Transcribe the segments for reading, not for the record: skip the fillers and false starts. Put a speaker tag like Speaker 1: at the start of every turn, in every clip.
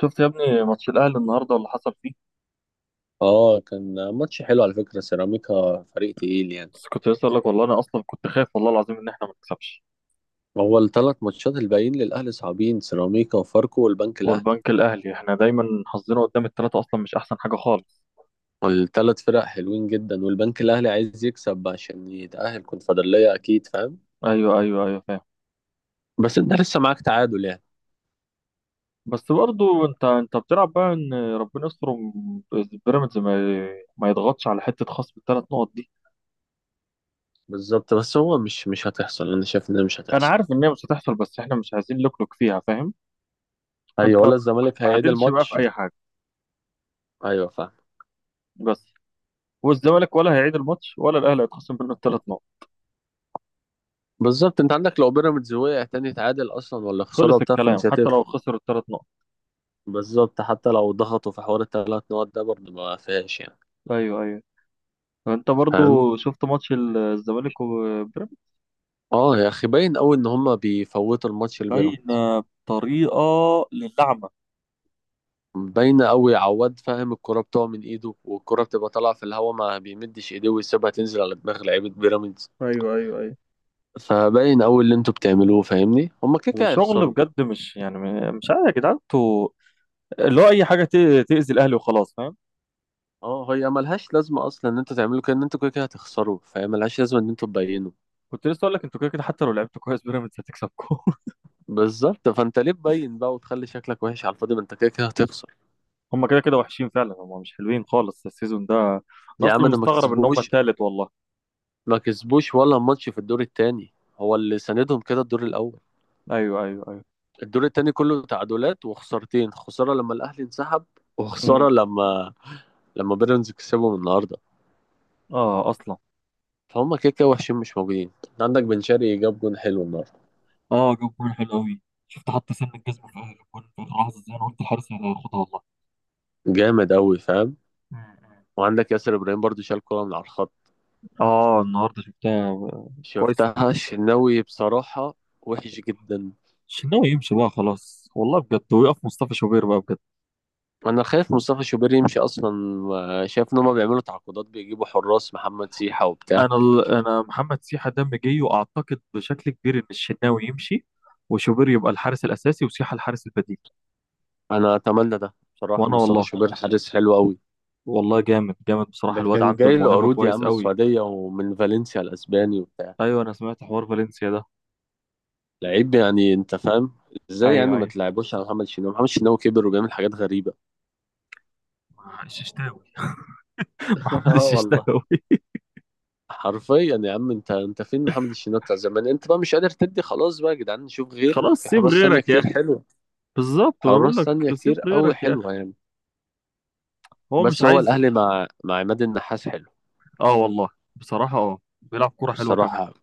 Speaker 1: شفت يا ابني ماتش الاهلي النهارده اللي حصل فيه.
Speaker 2: اه، كان ماتش حلو على فكرة. سيراميكا فريق تقيل يعني.
Speaker 1: بس كنت لسه اقول لك، والله انا اصلا كنت خايف والله العظيم ان احنا ما نكسبش.
Speaker 2: هو الثلاث ماتشات الباقيين للأهلي صعبين: سيراميكا وفاركو والبنك الأهلي.
Speaker 1: والبنك الاهلي احنا دايما حظنا قدام الثلاثه، اصلا مش احسن حاجه خالص.
Speaker 2: الثلاث فرق حلوين جدا، والبنك الأهلي عايز يكسب عشان يتأهل كونفدرالية، أكيد فاهم؟
Speaker 1: ايوه ايوه ايوه، فاهم.
Speaker 2: بس أنت لسه معاك تعادل يعني.
Speaker 1: بس برضو انت بتلعب بقى ان ربنا يستر بيراميدز ما يضغطش على حته خصم الثلاث نقط دي.
Speaker 2: بالظبط، بس هو مش هتحصل. أنا شايف إن مش
Speaker 1: انا
Speaker 2: هتحصل.
Speaker 1: عارف ان هي مش هتحصل، بس احنا مش عايزين نلكلك فيها، فاهم.
Speaker 2: أيوة،
Speaker 1: فانت
Speaker 2: ولا
Speaker 1: ما
Speaker 2: الزمالك هيعيد
Speaker 1: تتعادلش بقى في
Speaker 2: الماتش.
Speaker 1: اي حاجه.
Speaker 2: أيوة فاهم.
Speaker 1: بس والزمالك ولا هيعيد الماتش ولا الاهلي هيتخصم منه الثلاث نقط.
Speaker 2: بالظبط، انت عندك لو بيراميدز وقع تاني يتعادل اصلا ولا خساره
Speaker 1: خلص
Speaker 2: وبتاع،
Speaker 1: الكلام
Speaker 2: فمش
Speaker 1: حتى لو
Speaker 2: هتفرق.
Speaker 1: خسر الثلاث نقط.
Speaker 2: بالظبط، حتى لو ضغطوا في حوار الثلاث نقط ده، برضه ما فيهاش يعني.
Speaker 1: ايوه ايوه، انت
Speaker 2: فاهم.
Speaker 1: برضو شفت ماتش الزمالك وبيراميدز.
Speaker 2: اه يا اخي، باين قوي ان هما بيفوتوا الماتش
Speaker 1: باين
Speaker 2: لبيراميدز.
Speaker 1: بطريقه للعمى.
Speaker 2: باينه قوي، عواد فاهم، الكرة بتقع من ايده، والكرة بتبقى طالعه في الهواء، ما بيمدش ايديه ويسيبها تنزل على دماغ لعيبه بيراميدز.
Speaker 1: ايوه ايوه ايوه.
Speaker 2: فباين قوي اللي انتوا بتعملوه. فاهمني، هما كده كده
Speaker 1: وشغل
Speaker 2: هيخسروا.
Speaker 1: بجد، مش يعني مش عارف يا جدعان انتوا، اللي هو اي حاجه تاذي الاهلي وخلاص، فاهم.
Speaker 2: اه، هي ملهاش لازمه اصلا ان انتوا تعملوا كده، ان انتوا كده كده هتخسروا، فهي ملهاش لازمه ان انتوا تبينوا.
Speaker 1: كنت لسه اقول لك، انتوا كده كده حتى لو لعبتوا كويس بيراميدز هتكسبكم.
Speaker 2: بالظبط، فانت ليه تبين بقى وتخلي شكلك وحش على الفاضي، ما انت كده كده هتخسر.
Speaker 1: هم كده كده وحشين فعلا، هم مش حلوين خالص السيزون ده. انا
Speaker 2: يا
Speaker 1: اصلا
Speaker 2: عم ده ما
Speaker 1: مستغرب ان هم
Speaker 2: كسبوش.
Speaker 1: التالت والله.
Speaker 2: ما كسبوش ولا ماتش في الدور التاني، هو اللي ساندهم كده الدور الاول.
Speaker 1: ايوه ايوه ايوه.
Speaker 2: الدور التاني كله تعادلات وخسارتين: خسارة لما الأهلي انسحب،
Speaker 1: امم
Speaker 2: وخسارة لما بيراميدز كسبهم النهاردة.
Speaker 1: اه اصلا.
Speaker 2: فهم كده كده وحشين، مش موجودين. انت عندك بن شرقي جاب جون حلو النهاردة.
Speaker 1: اه جاب جول حلو قوي. شفت حتى سن الجزم في اخر الجول في اخر لحظه زي انا قلت الحارس هياخدها.
Speaker 2: جامد أوي فاهم.
Speaker 1: والله.
Speaker 2: وعندك ياسر إبراهيم برضو شال كورة من على الخط.
Speaker 1: اه النهارده شفتها. كويس.
Speaker 2: شفتها الشناوي بصراحة. وحش جدا.
Speaker 1: الشناوي يمشي بقى خلاص والله بجد، ويقف مصطفى شوبير بقى بجد.
Speaker 2: أنا خايف مصطفى شوبير يمشي أصلا، شايف إن هما بيعملوا تعاقدات، بيجيبوا حراس محمد سيحة وبتاع.
Speaker 1: انا محمد سيحه دم جاي، واعتقد بشكل كبير ان الشناوي يمشي، وشوبير يبقى الحارس الاساسي وسيحه الحارس البديل.
Speaker 2: أنا أتمنى ده بصراحة،
Speaker 1: وانا
Speaker 2: مصطفى
Speaker 1: والله،
Speaker 2: شوبير حارس حلو أوي.
Speaker 1: والله جامد جامد بصراحه،
Speaker 2: ده
Speaker 1: الواد
Speaker 2: كان
Speaker 1: عنده
Speaker 2: جاي له
Speaker 1: الموهبه
Speaker 2: عروض يا
Speaker 1: كويس
Speaker 2: عم،
Speaker 1: قوي.
Speaker 2: السعودية ومن فالنسيا الأسباني وبتاع.
Speaker 1: ايوه انا سمعت حوار فالنسيا ده.
Speaker 2: لعيب يعني أنت فاهم. إزاي يعني
Speaker 1: ايوه
Speaker 2: ما
Speaker 1: ايوه.
Speaker 2: تلعبوش على محمد شناوي؟ محمد شناوي كبر وبيعمل حاجات غريبة.
Speaker 1: الششتاوي محمد
Speaker 2: آه والله.
Speaker 1: الششتاوي
Speaker 2: حرفيا يا عم، أنت فين محمد الشناوي بتاع زمان؟ أنت بقى مش قادر تدي، خلاص بقى يا جدعان، نشوف غيره
Speaker 1: خلاص
Speaker 2: في
Speaker 1: سيب
Speaker 2: حراس تانية
Speaker 1: غيرك يا
Speaker 2: كتير
Speaker 1: اخي.
Speaker 2: حلوة.
Speaker 1: بالظبط بقول
Speaker 2: حراس
Speaker 1: لك
Speaker 2: تانية
Speaker 1: سيب
Speaker 2: كتير أوي
Speaker 1: غيرك يا اخي.
Speaker 2: حلوة يعني.
Speaker 1: هو مش
Speaker 2: بس هو
Speaker 1: عايز.
Speaker 2: الأهلي مع عماد النحاس حلو.
Speaker 1: اه والله. بصراحه اه بيلعب كوره حلوه كمان.
Speaker 2: الصراحة.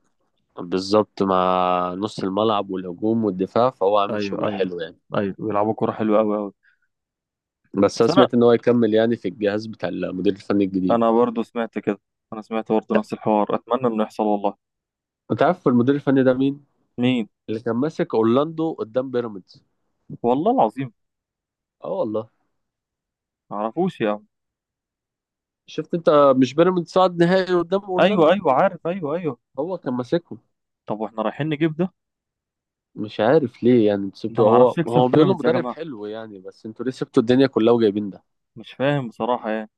Speaker 2: بالظبط، مع نص الملعب والهجوم والدفاع، فهو عامل
Speaker 1: ايوه
Speaker 2: شغل
Speaker 1: ايوه
Speaker 2: حلو يعني.
Speaker 1: ايوه، بيلعبوا كوره حلوه قوي قوي.
Speaker 2: بس انا
Speaker 1: بس انا
Speaker 2: سمعت ان هو يكمل يعني في الجهاز بتاع المدير الفني الجديد.
Speaker 1: انا برضه سمعت كده. انا سمعت برضه نفس الحوار، اتمنى انه يحصل والله.
Speaker 2: انت عارف المدير الفني ده مين؟
Speaker 1: مين.
Speaker 2: اللي كان ماسك اورلاندو قدام بيراميدز.
Speaker 1: والله العظيم.
Speaker 2: اه والله.
Speaker 1: ما اعرفوش يا عم.
Speaker 2: شفت انت. مش بيراميدز صعد نهائي قدام
Speaker 1: ايوه
Speaker 2: اورلاندو؟
Speaker 1: ايوه عارف، ايوه ايوه.
Speaker 2: هو كان ماسكهم.
Speaker 1: طب واحنا رايحين نجيب ده.
Speaker 2: مش عارف ليه يعني انتوا
Speaker 1: ده
Speaker 2: سبتوا،
Speaker 1: ما
Speaker 2: هو
Speaker 1: اعرفش يكسب
Speaker 2: هو بيقولوا
Speaker 1: بيراميدز يا
Speaker 2: مدرب
Speaker 1: جماعه.
Speaker 2: حلو يعني، بس انتوا ليه سبتوا الدنيا كلها وجايبين ده؟
Speaker 1: مش فاهم بصراحه يعني.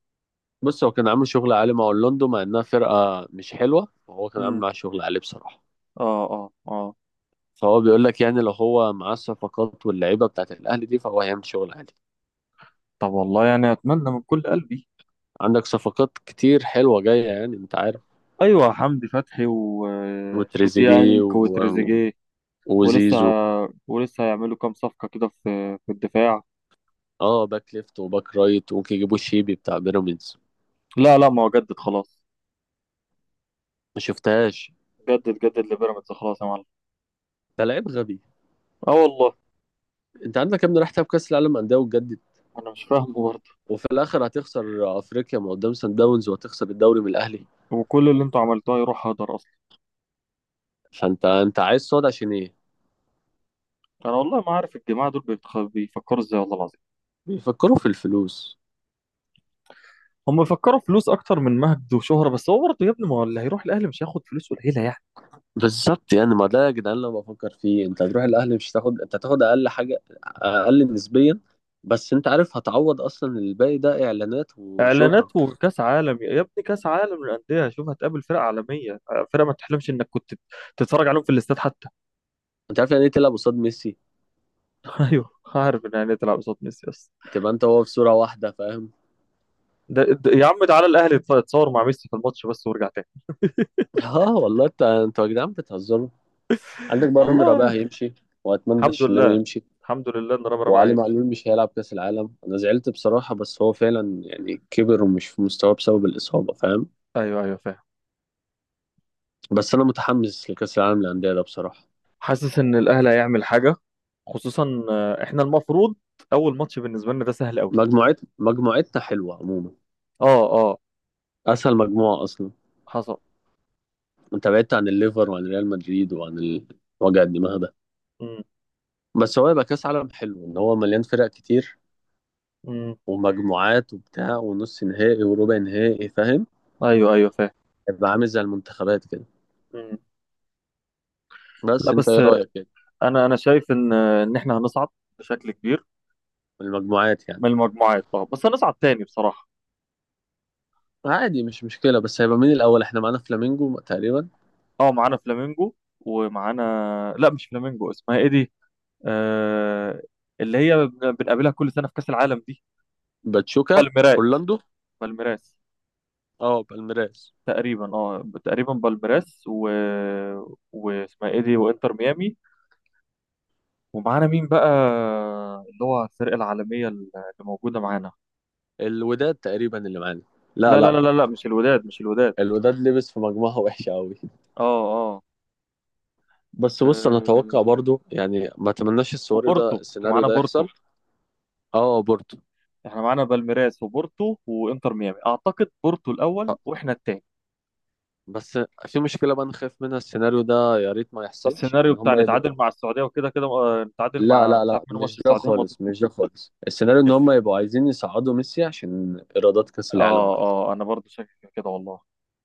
Speaker 2: بص، هو كان عامل شغل عالي مع اورلاندو، مع انها فرقه مش حلوه، وهو كان عامل
Speaker 1: امم
Speaker 2: معاه شغل عالي بصراحه.
Speaker 1: اه اه اه.
Speaker 2: فهو بيقول لك يعني لو هو معاه الصفقات واللعيبه بتاعت الاهلي دي، فهو هيعمل شغل عالي.
Speaker 1: طب والله يعني اتمنى من كل قلبي.
Speaker 2: عندك صفقات كتير حلوة جاية يعني انت عارف.
Speaker 1: ايوه حمدي فتحي و... آه،
Speaker 2: وتريزيجيه
Speaker 1: وديانج
Speaker 2: و...
Speaker 1: وتريزيجيه. ولسه
Speaker 2: وزيزو.
Speaker 1: ولسه هيعملوا كام صفقه كده في الدفاع.
Speaker 2: اه، باك ليفت وباك رايت، ممكن يجيبوا شيبي بتاع بيراميدز.
Speaker 1: لا لا، ما هو جدد خلاص.
Speaker 2: ما شفتهاش.
Speaker 1: جدد جدد لبيراميدز خلاص يا معلم.
Speaker 2: ده لعيب غبي.
Speaker 1: اه والله.
Speaker 2: انت عندك يا ابني راح تلعب كاس العالم انديه وتجدد؟
Speaker 1: انا مش فاهمه برضه.
Speaker 2: وفي الاخر هتخسر افريقيا من قدام سان داونز، وهتخسر الدوري من الاهلي.
Speaker 1: وكل اللي انتوا عملتوه يروح هدر اصلا.
Speaker 2: فانت عايز صاد عشان ايه؟
Speaker 1: انا والله ما عارف الجماعه دول بيفكروا ازاي، والله العظيم.
Speaker 2: بيفكروا في الفلوس.
Speaker 1: هم بيفكروا فلوس اكتر من مجد وشهره، بس هو برضه يا ابني ما هو اللي هيروح الاهلي مش هياخد فلوس قليله يعني.
Speaker 2: بالظبط، يعني ما ده يا جدعان، لو بفكر فيه انت هتروح الاهلي، مش هتاخد، انت هتاخد اقل حاجه، اقل نسبيا. بس انت عارف هتعوض اصلا، الباقي ده اعلانات وشهره.
Speaker 1: اعلانات وكاس عالم يا ابني، كاس عالم للانديه، شوف هتقابل فرق عالميه، فرقه ما تحلمش انك كنت تتفرج عليهم في الاستاد حتى.
Speaker 2: انت عارف يعني ايه تلعب قصاد ميسي؟
Speaker 1: ايوه عارف، ان يعني تلعب قصاد ميسي بس.
Speaker 2: تبقى انت وهو في صوره واحده فاهم.
Speaker 1: يا عم تعالى الاهلي يتصور مع ميسي في الماتش بس وارجع تاني.
Speaker 2: اه والله، انتوا يا جدعان بتهزروا. عندك بقى رامي ربيعه
Speaker 1: والله.
Speaker 2: هيمشي، واتمنى
Speaker 1: الحمد لله.
Speaker 2: الشناوي يمشي.
Speaker 1: الحمد لله ان رامي ربيعه
Speaker 2: وعلي
Speaker 1: هيمشي.
Speaker 2: معلول مش هيلعب كاس العالم، انا زعلت بصراحه، بس هو فعلا يعني كبر ومش في مستواه بسبب الاصابه فاهم.
Speaker 1: ايوه ايوه فاهم.
Speaker 2: بس انا متحمس لكاس العالم للانديه ده بصراحه.
Speaker 1: حاسس ان الاهلي هيعمل حاجه، خصوصا احنا المفروض اول ماتش بالنسبه لنا ده سهل قوي.
Speaker 2: مجموعتنا حلوة عموما.
Speaker 1: اه اه.
Speaker 2: أسهل مجموعة أصلا.
Speaker 1: حصل.
Speaker 2: أنت بعدت عن الليفر وعن ريال مدريد وعن وجع الدماغ ده.
Speaker 1: امم
Speaker 2: بس هو يبقى كأس عالم حلو إن هو مليان فرق كتير،
Speaker 1: امم
Speaker 2: ومجموعات وبتاع، ونص نهائي وربع نهائي فاهم.
Speaker 1: ايوه ايوه فاهم.
Speaker 2: يبقى عامل زي المنتخبات كده.
Speaker 1: امم
Speaker 2: بس
Speaker 1: لا
Speaker 2: أنت
Speaker 1: بس،
Speaker 2: إيه رأيك كده؟
Speaker 1: انا شايف ان ان احنا هنصعد بشكل كبير.
Speaker 2: في المجموعات يعني؟
Speaker 1: من المجموعات اه بس هنصعد تاني بصراحه.
Speaker 2: عادي، مش مشكلة، بس هيبقى مين الأول؟ إحنا معانا فلامينجو تقريبا.
Speaker 1: اه معانا فلامينجو، ومعانا، لا مش فلامينجو، اسمها ايه دي؟ آه... اللي هي بنقابلها كل سنه في كاس العالم دي.
Speaker 2: باتشوكا.
Speaker 1: بالميراس.
Speaker 2: أورلاندو.
Speaker 1: بالميراس
Speaker 2: أه بالميراس.
Speaker 1: تقريبا، اه تقريبا بالميراس واسمها ايه دي؟ وانتر ميامي. ومعانا مين بقى؟ اللي هو الفرقة العالمية اللي موجودة معانا.
Speaker 2: الوداد تقريبا اللي معانا. لا
Speaker 1: لا لا
Speaker 2: لا.
Speaker 1: لا لا لا، مش الوداد مش الوداد.
Speaker 2: الوداد لبس في مجموعة وحشة أوي.
Speaker 1: اه اه.
Speaker 2: بس بص، انا اتوقع
Speaker 1: آه،
Speaker 2: برضو يعني، ما اتمناش السيناريو
Speaker 1: وبورتو،
Speaker 2: ده، السيناريو
Speaker 1: ومعانا
Speaker 2: ده
Speaker 1: بورتو.
Speaker 2: يحصل. اه بورتو.
Speaker 1: احنا معانا بالميراس وبورتو وانتر ميامي، اعتقد بورتو الاول
Speaker 2: آه،
Speaker 1: واحنا التاني.
Speaker 2: بس في مشكله بقى انا خايف منها، السيناريو ده يا ريت ما يحصلش،
Speaker 1: السيناريو
Speaker 2: ان
Speaker 1: بتاع
Speaker 2: هم يبقوا...
Speaker 1: نتعادل مع السعودية، وكده كده نتعادل
Speaker 2: لا
Speaker 1: مع
Speaker 2: لا
Speaker 1: مش عارف
Speaker 2: لا،
Speaker 1: مين، ماتش
Speaker 2: مش ده
Speaker 1: السعودية مضى.
Speaker 2: خالص، مش ده خالص. السيناريو ان هم يبقوا عايزين يصعدوا ميسي عشان ايرادات كاس العالم
Speaker 1: اه
Speaker 2: وكده.
Speaker 1: اه انا برضو شاكك في كده والله.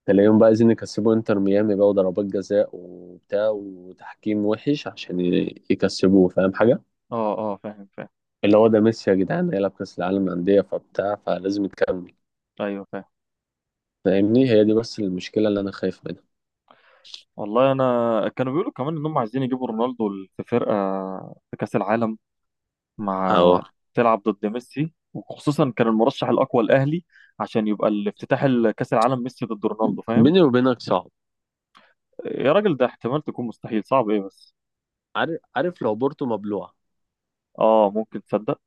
Speaker 2: تلاقيهم بقى عايزين يكسبوا انتر ميامي بقى، وضربات جزاء وبتاع، وتحكيم وحش عشان يكسبوه، فاهم حاجه؟
Speaker 1: اه اه فاهم فاهم.
Speaker 2: اللي هو ده، ميسي يا جدعان هيلعب كاس العالم للانديه فبتاع، فلازم يكمل.
Speaker 1: ايوه فاهم.
Speaker 2: فاهمني، هي دي بس المشكله اللي انا خايف منها.
Speaker 1: والله انا كانوا بيقولوا كمان انهم عايزين يجيبوا رونالدو في فرقه، في كاس العالم،
Speaker 2: اهو.
Speaker 1: مع تلعب ضد ميسي، وخصوصا كان المرشح الاقوى الاهلي عشان يبقى الافتتاح كاس العالم ميسي ضد رونالدو، فاهم.
Speaker 2: بيني وبينك صعب.
Speaker 1: يا راجل ده احتمال تكون مستحيل، صعب ايه بس.
Speaker 2: عارف عارف لو بورتو مبلوعة،
Speaker 1: اه ممكن تصدق.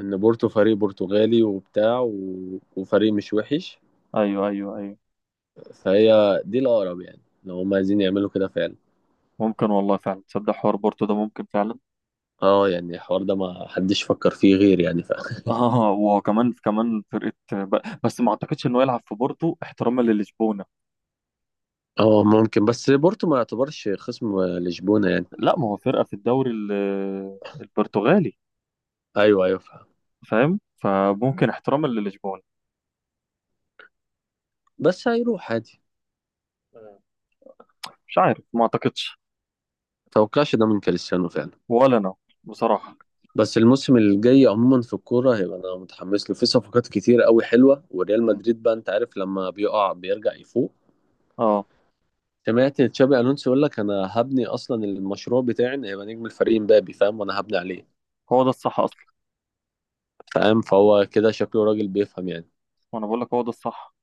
Speaker 2: ان بورتو فريق برتغالي وبتاع و... وفريق مش وحش.
Speaker 1: ايوه ايوه ايوه.
Speaker 2: فهي دي الاقرب يعني لو هم عايزين يعملوا كده فعلا.
Speaker 1: ممكن والله فعلا تصدق حوار بورتو ده ممكن فعلا.
Speaker 2: اه يعني الحوار ده ما حدش فكر فيه غير يعني فاخر.
Speaker 1: اه، وكمان كمان فرقه بس ما اعتقدش انه يلعب في بورتو احتراما للشبونه.
Speaker 2: اه ممكن، بس بورتو ما يعتبرش خصم لشبونة يعني.
Speaker 1: لا، ما هو فرقه في الدوري البرتغالي،
Speaker 2: ايوه ايوه فاهم.
Speaker 1: فاهم. فممكن احتراما للشبون.
Speaker 2: بس هيروح عادي.
Speaker 1: مم. مش عارف ما اعتقدش.
Speaker 2: متوقعش ده من كريستيانو فعلا.
Speaker 1: ولا انا، بصراحة.
Speaker 2: بس الموسم الجاي عموما في الكورة هيبقى، أنا متحمس له، في صفقات كتير قوي حلوة، وريال
Speaker 1: مم.
Speaker 2: مدريد بقى أنت عارف لما بيقع بيرجع يفوق.
Speaker 1: اه
Speaker 2: سمعت تشابي الونسو يقول لك انا هبني اصلا المشروع بتاعي ان هيبقى نجم الفريق مبابي، فاهم، وانا هبني عليه.
Speaker 1: هو ده الصح اصلا.
Speaker 2: فاهم، فهو كده شكله راجل بيفهم يعني.
Speaker 1: وانا بقول لك هو ده الصح.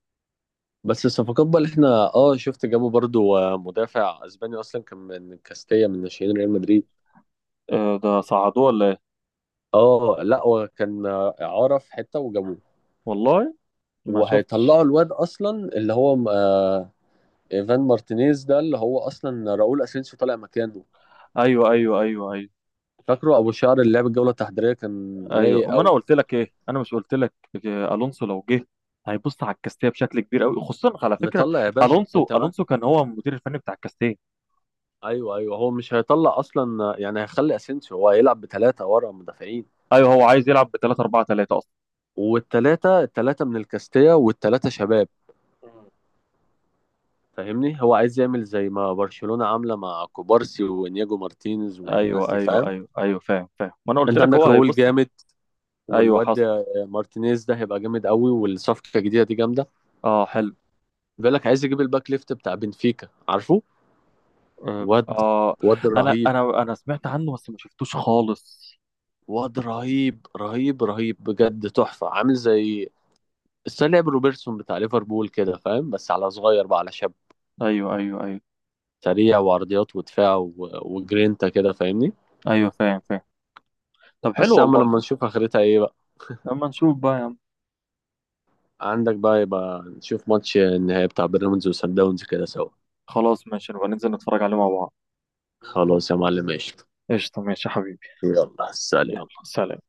Speaker 2: بس الصفقات بقى اللي احنا شفت جابوا برضو مدافع اسباني اصلا كان من كاستيا من ناشئين ريال مدريد.
Speaker 1: آه ده صعدوه ولا ايه؟
Speaker 2: اه لا، هو كان اعاره في حته وجابوه.
Speaker 1: والله ما شفتش.
Speaker 2: وهيطلعوا الواد اصلا، اللي هو ايفان مارتينيز ده، اللي هو اصلا راؤول اسينسيو طالع مكانه.
Speaker 1: ايوه ايوه ايوه ايوه
Speaker 2: فاكره ابو شعر اللي لعب الجوله التحضيريه كان
Speaker 1: ايوه.
Speaker 2: رايق
Speaker 1: وما انا
Speaker 2: قوي.
Speaker 1: قلت لك ايه، انا مش قلت لك الونسو لو جه هيبص على الكاستيه بشكل كبير قوي، خصوصا على فكره.
Speaker 2: مطلع يا باشا
Speaker 1: الونسو،
Speaker 2: انت.
Speaker 1: الونسو كان هو المدير الفني بتاع الكاستيه.
Speaker 2: ايوه ايوه، هو مش هيطلع اصلا يعني، هيخلي اسينسيو، هو هيلعب بثلاثه ورا مدافعين.
Speaker 1: ايوه هو عايز يلعب ب 3-4-3 اصلا.
Speaker 2: والثلاثه من الكاستيا، والثلاثه شباب. فاهمني، هو عايز يعمل زي ما برشلونه عامله مع كوبارسي وانياجو مارتينيز والناس
Speaker 1: ايوه
Speaker 2: دي
Speaker 1: ايوه
Speaker 2: فاهم.
Speaker 1: ايوه ايوه فاهم فاهم، ما انا قلت
Speaker 2: انت
Speaker 1: لك
Speaker 2: عندك
Speaker 1: هو
Speaker 2: راؤول
Speaker 1: هيبص.
Speaker 2: جامد.
Speaker 1: ايوه
Speaker 2: والواد
Speaker 1: حصل.
Speaker 2: مارتينيز ده هيبقى جامد قوي، والصفقه الجديده دي جامده.
Speaker 1: اه حلو.
Speaker 2: بيقول لك عايز يجيب الباك ليفت بتاع بنفيكا عارفه.
Speaker 1: آه
Speaker 2: واد،
Speaker 1: آه،
Speaker 2: واد
Speaker 1: أنا
Speaker 2: رهيب.
Speaker 1: أنا أنا سمعت عنه بس ما شفتوش خالص.
Speaker 2: واد رهيب رهيب رهيب بجد، تحفه، عامل زي... بس أنا لعب روبرتسون بتاع ليفربول كده فاهم، بس على صغير بقى، على شاب.
Speaker 1: أيوه أيوه أيوه
Speaker 2: سريع، وعرضيات ودفاع و... وجرينتا كده فاهمني.
Speaker 1: أيوه فاهم فاهم. طب حلو
Speaker 2: بس يا عم
Speaker 1: والله.
Speaker 2: لما نشوف اخرتها ايه بقى.
Speaker 1: لما نشوف بقى يا عم.
Speaker 2: عندك بقى، يبقى نشوف ماتش النهائي بتاع بيراميدز وسان داونز كده سوا.
Speaker 1: خلاص ماشي، نبقى ننزل نتفرج عليه مع بعض.
Speaker 2: خلاص يا معلم ماشي.
Speaker 1: قشطة ماشي يا حبيبي.
Speaker 2: يلا
Speaker 1: يلا
Speaker 2: سلام.
Speaker 1: سلام.